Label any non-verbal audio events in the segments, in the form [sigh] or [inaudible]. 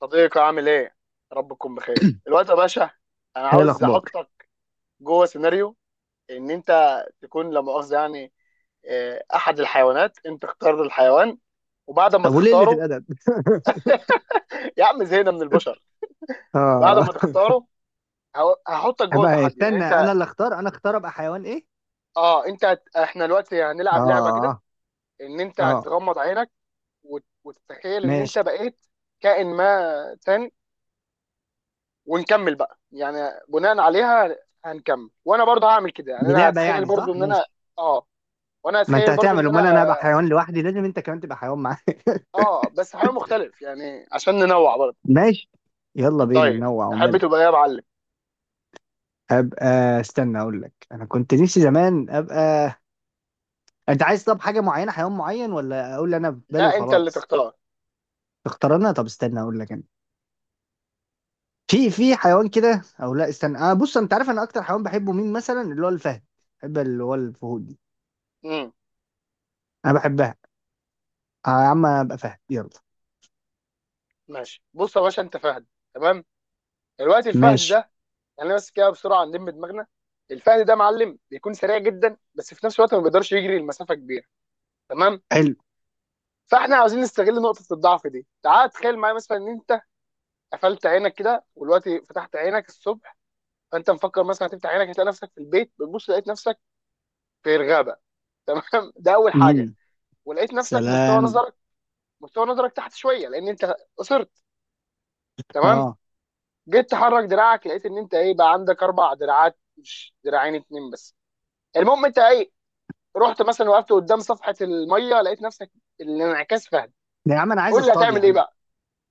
صديقي عامل ايه؟ رب تكون بخير. الوقت يا باشا، انا هي عاوز الأخبار. احطك جوه سيناريو، ان انت تكون لا مؤاخذه يعني احد الحيوانات. انت اختار الحيوان، وبعد ما طب وليلة تختاره. الأدب؟ [laughs] [laughs] يا عم زهقنا من البشر. بعد اه. ما تختاره، هحطك جوه بقى تحدي، يعني استنى، انت. أنا اللي أختار، أنا أختار أبقى حيوان إيه؟ اه، احنا دلوقتي هنلعب لعبه كده. اه، ان انت اه، هتغمض عينك، وتتخيل ان ماشي. انت بقيت كائن ما تاني، ونكمل بقى يعني بناء عليها. هنكمل وانا برضه هعمل كده، يعني دي انا لعبة هتخيل يعني، برضه صح؟ ان انا، ماشي. اه، وانا ما أنت هتخيل برضه هتعمل؟ ان انا. أمال أنا هبقى حيوان لوحدي؟ لازم أنت كمان تبقى حيوان معايا. اه، بس حاجه مختلف يعني عشان ننوع برضه. [laughs] ماشي، يلا بينا طيب، ننوع تحب ومال. تبقى ايه يا معلم؟ أبقى، استنى أقول لك، أنا كنت نفسي زمان أبقى. أنت عايز طب حاجة معينة، حيوان معين، ولا أقول اللي أنا في بالي لا، انت اللي وخلاص؟ تختار. اختار أنا، طب استنى أقول لك، أنا في حيوان كده او لا، استنى انا، بص انت عارف، انا اكتر حيوان بحبه مين مثلا؟ اللي هو الفهد، بحب اللي هو الفهود دي، امم انا بحبها. آه يا عم، ابقى فهد، يلا. ماشي. بص يا باشا، انت فهد. تمام، دلوقتي الفهد ماشي، ده، يعني بس كده بسرعه نلم دماغنا. الفهد ده، معلم، بيكون سريع جدا، بس في نفس الوقت ما بيقدرش يجري المسافه كبيره. تمام، حلو. فاحنا عاوزين نستغل نقطه الضعف دي. تعال تخيل معايا مثلا، ان انت قفلت عينك كده، ودلوقتي فتحت عينك الصبح. فانت مفكر مثلا هتفتح عينك هتلاقي نفسك في البيت، بتبص لقيت نفسك في الغابه. تمام؟ [laughs] ده اول حاجه. امم. ولقيت نفسك سلام. مستوى نظرك تحت شويه، لان انت قصرت. تمام، اه، جيت تحرك دراعك، لقيت ان انت ايه بقى، عندك 4 دراعات، مش دراعين اتنين بس. المهم انت ايه، رحت مثلا وقفت قدام صفحه الميه، لقيت نفسك الانعكاس فهد. ده يا عم انا عايز قول لي اصطاد يا هتعمل ايه عم. بقى؟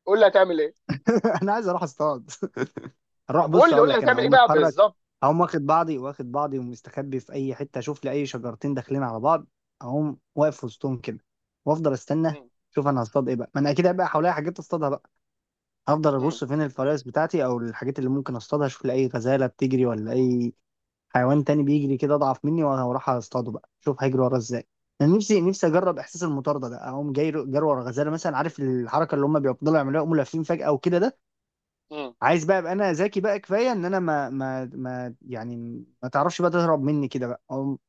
قول لي هتعمل ايه. [laughs] انا عايز اروح اصطاد. [laughs] اروح، طب قول بص لي اقول قول لي لك، انا هتعمل ايه اقوم بقى اتحرك، بالظبط. اقوم واخد بعضي ومستخبي في اي حته، اشوف لي اي شجرتين داخلين على بعض، اقوم واقف وسطهم كده وافضل استنى. مم. شوف انا هصطاد ايه بقى، ما انا اكيد هيبقى حواليا حاجات اصطادها بقى. هفضل مم. ابص فين الفرائس بتاعتي او الحاجات اللي ممكن اصطادها، اشوف لأي غزالة بتجري ولا اي حيوان تاني بيجري كده اضعف مني، وانا هروح اصطاده بقى، شوف هيجري ورا ازاي. انا نفسي نفسي اجرب احساس المطارده ده، اقوم جاي جري ورا غزاله مثلا، عارف الحركه اللي هم بيفضلوا يعملوها، يقوموا لافين فجاه وكده ده، مم. عايز بقى ابقى انا ذكي بقى كفايه ان انا ما يعني ما تعرفش بقى تهرب مني كده بقى، اقوم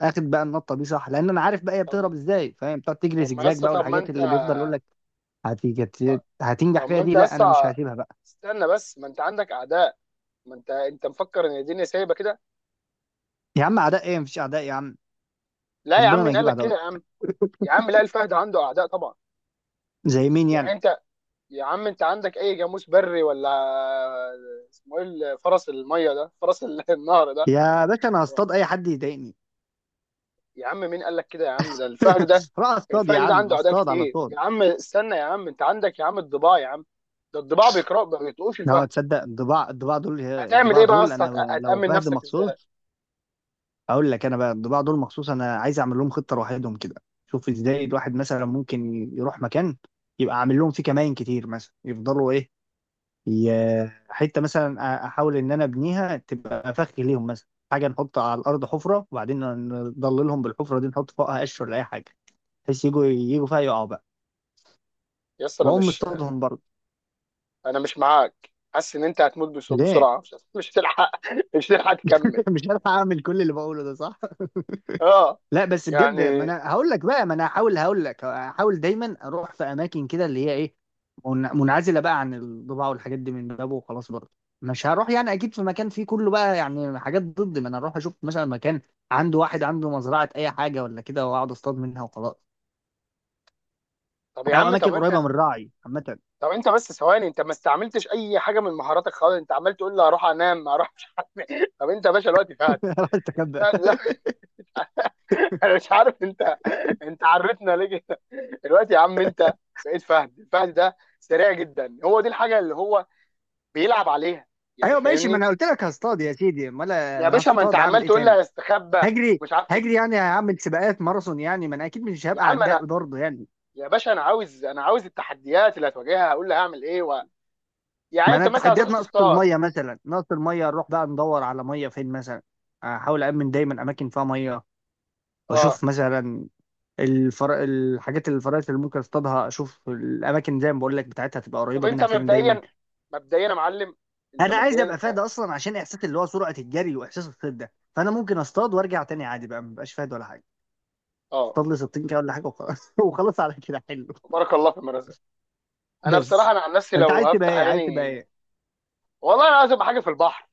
اخد بقى النطه دي، صح؟ لان انا عارف بقى هي طب بتهرب ازاي، فاهم؟ بتقعد تجري طب زجزاج بقى والحاجات اللي بيفضل يقول لك هتيجي هتنجح فيها ما دي. انت لا انا مش اسطى، هسيبها بقى. استنى بس، ما انت عندك اعداء. ما انت مفكر ان الدنيا سايبه كده. يا عم، اعداء ايه؟ مفيش اعداء يا عم، لا يا عم، ربنا ما مين قال يجيب لك اعداء. كده يا عم؟ يا عم لا، الفهد عنده اعداء طبعا. زي مين يعني يعني؟ انت، يا عم انت عندك اي جاموس بري، ولا اسمه ايه فرس الميه ده، فرس [laughs] النهر ده. يا باشا انا هصطاد اي حد يضايقني. يا عم مين قال لك كده يا عم؟ ده الفهد ده، [laughs] راح اصطاد يا الفهد ده عم، عنده اعداء اصطاد على كتير طول. يا عم. استنى يا عم، انت عندك يا عم الضباع يا عم. ده الضباع بيقرأ ما بيطقوش اه الفهد. تصدق، الضباع، الضباع دول هتعمل الضباع ايه بقى يا دول اسطى؟ انا، لو هتأمن فهد نفسك ازاي؟ مخصوص، اقول لك انا بقى، الضباع دول مخصوص انا عايز اعمل لهم خطه لوحدهم كده. شوف ازاي الواحد مثلا ممكن يروح مكان يبقى عامل لهم فيه كمائن كتير مثلا، يفضلوا ايه؟ حته مثلا، احاول ان انا ابنيها تبقى فخ ليهم مثلا، حاجه نحط على الارض حفره وبعدين نضللهم بالحفره دي، نحط فوقها قش ولا اي حاجه بحيث يجوا فيها يقعوا بقى، يا اسطى، انا واقوم مش مصطادهم برضه. انا مش معاك، حاسس ان انت هتموت ليه؟ بسرعه، مش هتلحق. [laughs] مش هتلحق تكمل. [laughs] مش عارف اعمل كل اللي بقوله ده، صح؟ [laughs] اه، لا بس بجد، ما يعني. انا هقول لك بقى، ما انا هحاول، هقول لك، هحاول دايما اروح في اماكن كده اللي هي ايه، منعزله بقى عن الضباع والحاجات دي من بابه وخلاص برضه. مش هروح يعني اكيد في مكان فيه كله بقى، يعني حاجات ضد، ما انا اروح اشوف مثلا مكان عنده واحد، عنده مزرعه اي حاجه ولا كده، واقعد اصطاد منها وخلاص، طب يا او عم طب اماكن قريبه انت من الراعي عامه. طب انت بس ثواني، انت ما استعملتش اي حاجه من مهاراتك خالص. انت عمال تقول لي هروح انام، هروح مش عارف إيه. طب انت يا باشا الوقت فهد [laughs] أروح استخبى. فهد ده- [laughs] انا مش عارف انت عرفتنا ليه كده. الوقت يا عم، انت بقيت فهد. الفهد ده سريع جدا، هو دي الحاجه اللي هو بيلعب عليها، يعني ايوه ماشي، ما فاهمني. انا قلت لك هصطاد يا سيدي، امال ما يا انا باشا، ما انت هصطاد اعمل عمال ايه تقول لي تاني؟ هستخبى، هجري. ومش عارف هجري ايه. يعني هعمل سباقات ماراثون يعني، ما انا اكيد مش يا هبقى عم عداء انا، برضه يعني. يا باشا، انا عاوز التحديات اللي هتواجهها هقول لها هعمل ايه يعني ما انا انت مثلا التحديات هتروح نقص تصطاد. الميه مثلا، نقص الميه نروح بقى ندور على ميه فين مثلا، احاول امن دايما اماكن فيها ميه، اه، واشوف مثلا الحاجات اللي الفرائس اللي ممكن اصطادها، اشوف الاماكن زي ما بقول لك بتاعتها تبقى طب قريبه انت منها فين دايما. مبدئيا، يا معلم، انت انا عايز مبدئيا ابقى فاد ك... اصلا عشان احساس اللي هو سرعه الجري واحساس الصيد ده، فانا ممكن اصطاد وارجع تاني عادي بقى، مبقاش فاد ولا حاجه، اه. اصطاد لي 60 كده ولا حاجه وخلاص. [laughs] وخلاص على كده، حلو. بارك الله في المرزق. انا بصراحه، بس انا عن نفسي، انت لو عايز تبقى هفتح ايه؟ عايز تبقى عيني، ايه؟ والله انا عاوز ابقى حاجه في البحر،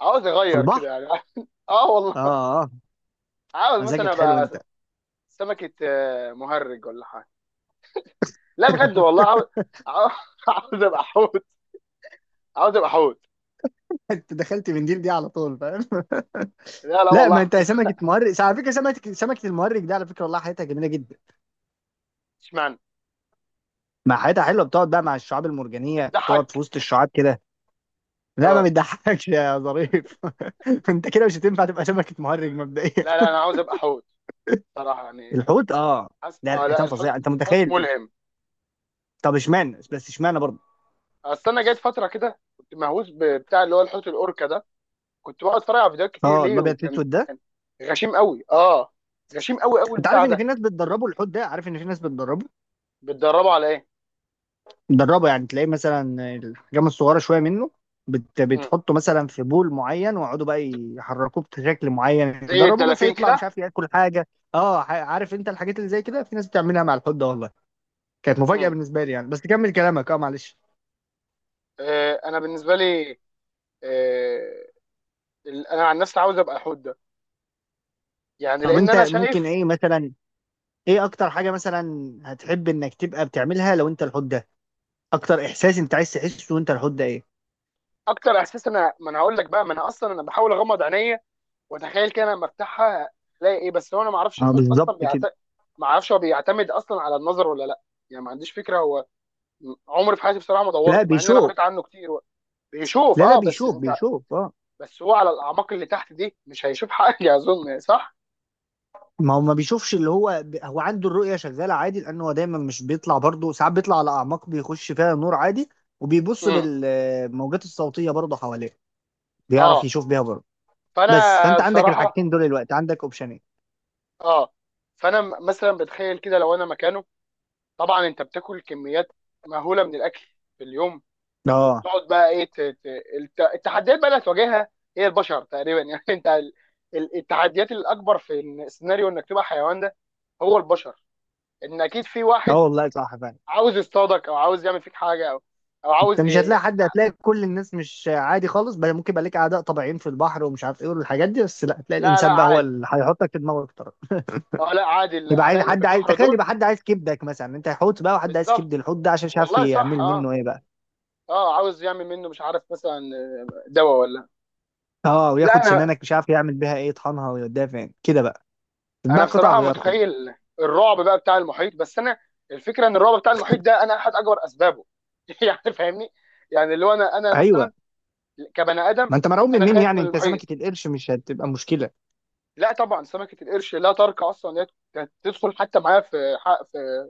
عاوز في اغير كده البحر؟ يعني. [laughs] اه اه، والله. اه. عاوز مثلا مزاجك حلو ابقى انت. سمكه مهرج ولا حاجه. لا بجد والله، عاوز، [laughs] عاوز [laughs] عاوز ابقى حوت عاوز ابقى حوت. انت دخلت من ديل دي على طول، فاهم؟ [laughs] لا لا لا، ما والله. انت [laughs] سمكه مهرج على فكره، سمكه المهرج دي على فكره والله حياتها جميله جدا، اشمعنى؟ مع حياتها حلوه، بتقعد بقى مع الشعاب المرجانيه، تقعد في بتضحك؟ وسط الشعاب كده. لا ما اه بتضحكش يا ظريف. [laughs] انت كده مش هتنفع تبقى سمكه مهرج مبدئيا. لا لا، انا عاوز ابقى حوت صراحه يعني. الحوت اه. لا اه لا، الحيتان فظيعه، انت الحوت متخيل؟ ملهم. طب اشمعنى؟ بس اشمعنى برضه؟ اصل انا جات فتره كده كنت مهووس بتاع اللي هو الحوت الاوركا ده، كنت بقعد اتفرج على فيديوهات كتير اه، ليه، الابيض في وكان الاسود ده. غشيم قوي، اه، غشيم قوي قوي انت عارف البتاع ان في ده. ناس بتدربوا الحوت ده؟ عارف ان في ناس بتدربه؟ بتدربه على ايه؟ دربه، يعني تلاقيه مثلا، الحجام الصغيره شويه منه، مم. بتحطه مثلا في بول معين ويقعدوا بقى يحركوه بشكل معين، زي يدربوه مثلا الدلافين يطلع مش كده. عارف ياكل حاجه، اه. عارف انت الحاجات اللي زي كده في ناس بتعملها مع الحوت ده والله، كانت مفاجاه مم. بالنسبه لي يعني. بس كمل كلامك، اه، معلش. انا بالنسبه لي، آه انا عن نفسي عاوز ابقى حوت ده، يعني طب لان انت انا ممكن شايف ايه مثلا؟ ايه اكتر حاجه مثلا هتحب انك تبقى بتعملها لو انت الحوت ده؟ اكتر احساس انت عايز تحسه وانت الحوت ده ايه؟ اكتر احساس. انا ما انا هقول لك بقى، ما انا اصلا انا بحاول اغمض عينيا وتخيل كده لما افتحها الاقي ايه. بس هو، انا ما اعرفش اه الحوت بالظبط اصلا كده. بيعتمد، ما اعرفش هو بيعتمد اصلا على النظر ولا لا، يعني ما عنديش فكره هو، عمري في حياتي بصراحه ما لا دورت، مع ان انا بيشوف. قريت عنه كتير. هو بيشوف، لا لا، اه، بس بيشوف، انت، بيشوف اه. بس هو على الاعماق اللي تحت دي مش هيشوف حاجه. [laughs] اظن صح؟ ما هو ما بيشوفش، اللي هو هو عنده الرؤية شغالة عادي، لأنه هو دايما مش بيطلع برضه، ساعات بيطلع على أعماق بيخش فيها نور عادي، وبيبص امم بالموجات الصوتية برضه حواليه، بيعرف اه. يشوف بيها برضه. فانا بس فأنت عندك بصراحه، الحاجتين دول الوقت، عندك أوبشنين. اه، فانا مثلا بتخيل كده لو انا مكانه. طبعا انت بتاكل كميات مهوله من الاكل في اليوم، اه، تقعد بقى ايه، التحديات بقى اللي هتواجهها هي البشر تقريبا يعني. [laughs] انت التحديات الاكبر في السيناريو انك تبقى حيوان ده، هو البشر. ان اكيد في اه واحد والله صح فعلا. عاوز يصطادك، او عاوز يعمل فيك حاجه، او أنت عاوز مش هتلاقي حد، هتلاقي كل الناس مش عادي خالص، بل ممكن يبقى لك أعداء طبيعيين في البحر ومش عارف إيه والحاجات دي، بس لا، هتلاقي لا لا الإنسان بقى هو عادي. اللي هيحطك في دماغك طرف. اه، لا عادي، يبقى عايز الاعداء اللي في حد، عايز البحر تخيل دول. يبقى حد عايز كبدك مثلا، أنت حوت بقى وحد عايز كبد بالظبط، الحوت ده عشان مش عارف والله صح، يعمل اه منه إيه بقى. اه، عاوز يعمل منه مش عارف مثلا دواء ولا. اه، لا، وياخد سنانك مش عارف يعمل بيها ايه، يطحنها ويوديها فين كده بقى، تتباع انا قطع بصراحه غيار كله. متخيل الرعب بقى بتاع المحيط. بس انا الفكره ان الرعب بتاع المحيط ده، انا احد اكبر اسبابه. [laughs] يعني فاهمني. يعني اللي هو انا ايوه، مثلا كبني ما ادم، انت مرعوب من انا مين خايف يعني؟ من انت المحيط. سمكه القرش مش هتبقى مشكله، لا طبعا سمكه القرش، لا ترك اصلا إن هي كانت تدخل حتى معايا في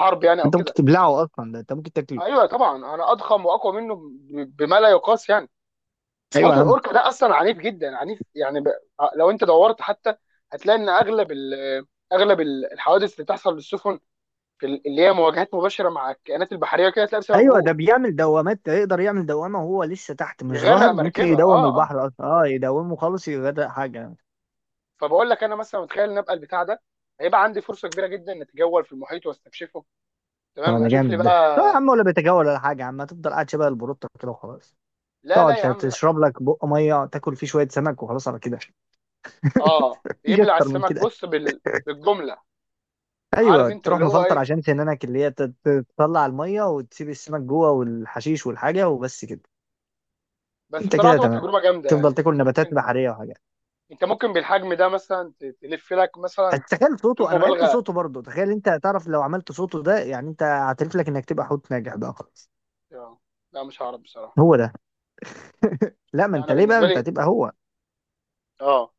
حرب يعني او انت ممكن كده. تبلعه اصلا، ده انت ممكن تاكله. ايوه طبعا، انا اضخم واقوى منه، بما لا يقاس يعني. ايوه حوت يا عم. الاوركا ده اصلا عنيف جدا، عنيف يعني لو انت دورت حتى هتلاقي ان اغلب الحوادث اللي بتحصل للسفن، اللي هي مواجهات مباشره مع الكائنات البحريه كده، تلاقي بسببه ايوه هو. ده بيعمل دوامات، ده يقدر يعمل دوامه وهو لسه تحت مش يغرق ظاهر، ممكن مركبه، يدوم اه اه. البحر اصلا، اه يدومه خالص يغرق حاجه. فبقول لك انا مثلا متخيل ان ابقى البتاع ده، هيبقى عندي فرصه كبيره جدا ان اتجول في المحيط واستكشفه. اه تمام، ده اشوف لي جامد. ده لا بقى. يا عم، ولا بيتجول ولا حاجه يا عم، هتفضل قاعد شبه البروتة كده وخلاص، لا تقعد لا يا عم لا. تشرب لك بق ميه، تاكل فيه شويه سمك وخلاص على كده. اه، [laughs] مفيش يبلع اكتر من السمك، كده. بص بالجمله. عارف ايوه انت تروح اللي هو مفلتر ايه؟ عشان سنانك اللي هي تطلع الميه وتسيب السمك جوه والحشيش والحاجه وبس كده. بس انت بصراحه كده تبقى تمام، تجربه جامده يعني. تفضل تاكل انت نباتات ممكن، بحريه وحاجات. بالحجم ده مثلا تلف لك بس مثلا. تخيل صوته، بدون انا بحب مبالغه. صوته برضه، تخيل انت، تعرف لو عملت صوته ده يعني انت هتعرف لك انك تبقى حوت ناجح بقى خلاص. آه. لا مش هعرف بصراحه. هو ده؟ لا ما لا انت، انا ليه بقى بالنسبه انت لي، هتبقى هو؟ اه،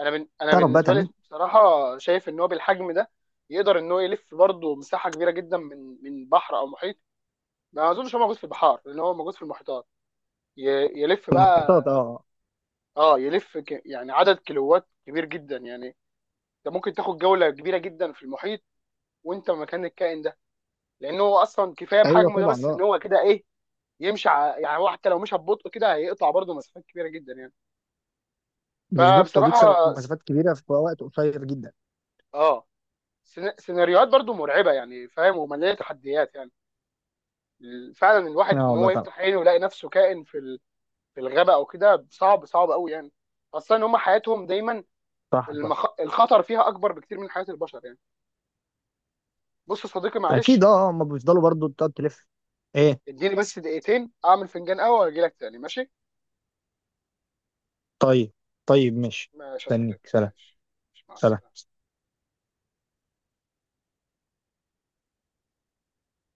انا تعرف بقى بالنسبه لي تعمل. بصراحه شايف ان هو بالحجم ده، يقدر ان هو يلف برضه مساحه كبيره جدا من بحر او محيط. ما اظنش هو موجود في البحار، لان هو موجود في المحيطات. ي... يلف في المحيطات، بقى. اه. اه يلف يعني عدد كيلوات كبير جدا يعني. انت ممكن تاخد جوله كبيره جدا في المحيط وانت مكان الكائن ده، لان هو اصلا كفايه ايوه بحجمه ده، طبعا بس اه. ان هو كده ايه، يمشي يعني هو حتى لو مشى ببطء كده هيقطع برضه مسافات كبيره جدا يعني. بالظبط، هو بيكسر فبصراحه، مسافات كبيره في وقت قصير جدا. اه، سيناريوهات برضه مرعبه يعني، فاهم، ومليانه تحديات يعني. فعلا الواحد اه ان والله هو طبعا. يفتح عينه ويلاقي نفسه كائن في الغابه او كده، صعب صعب قوي يعني. خاصه ان هم حياتهم دايما صح، صح. الخطر فيها اكبر بكتير من حياه البشر يعني. بص يا صديقي، اكيد معلش، اه، هم بيفضلوا برضه تقعد تلف. ايه؟ اديني بس دقيقتين اعمل فنجان قهوه واجي لك تاني، ماشي؟ طيب. طيب ماشي. ماشي يا استنيك، صديقي، سلام. ماشي. ماشي، مع سلام. السلامه.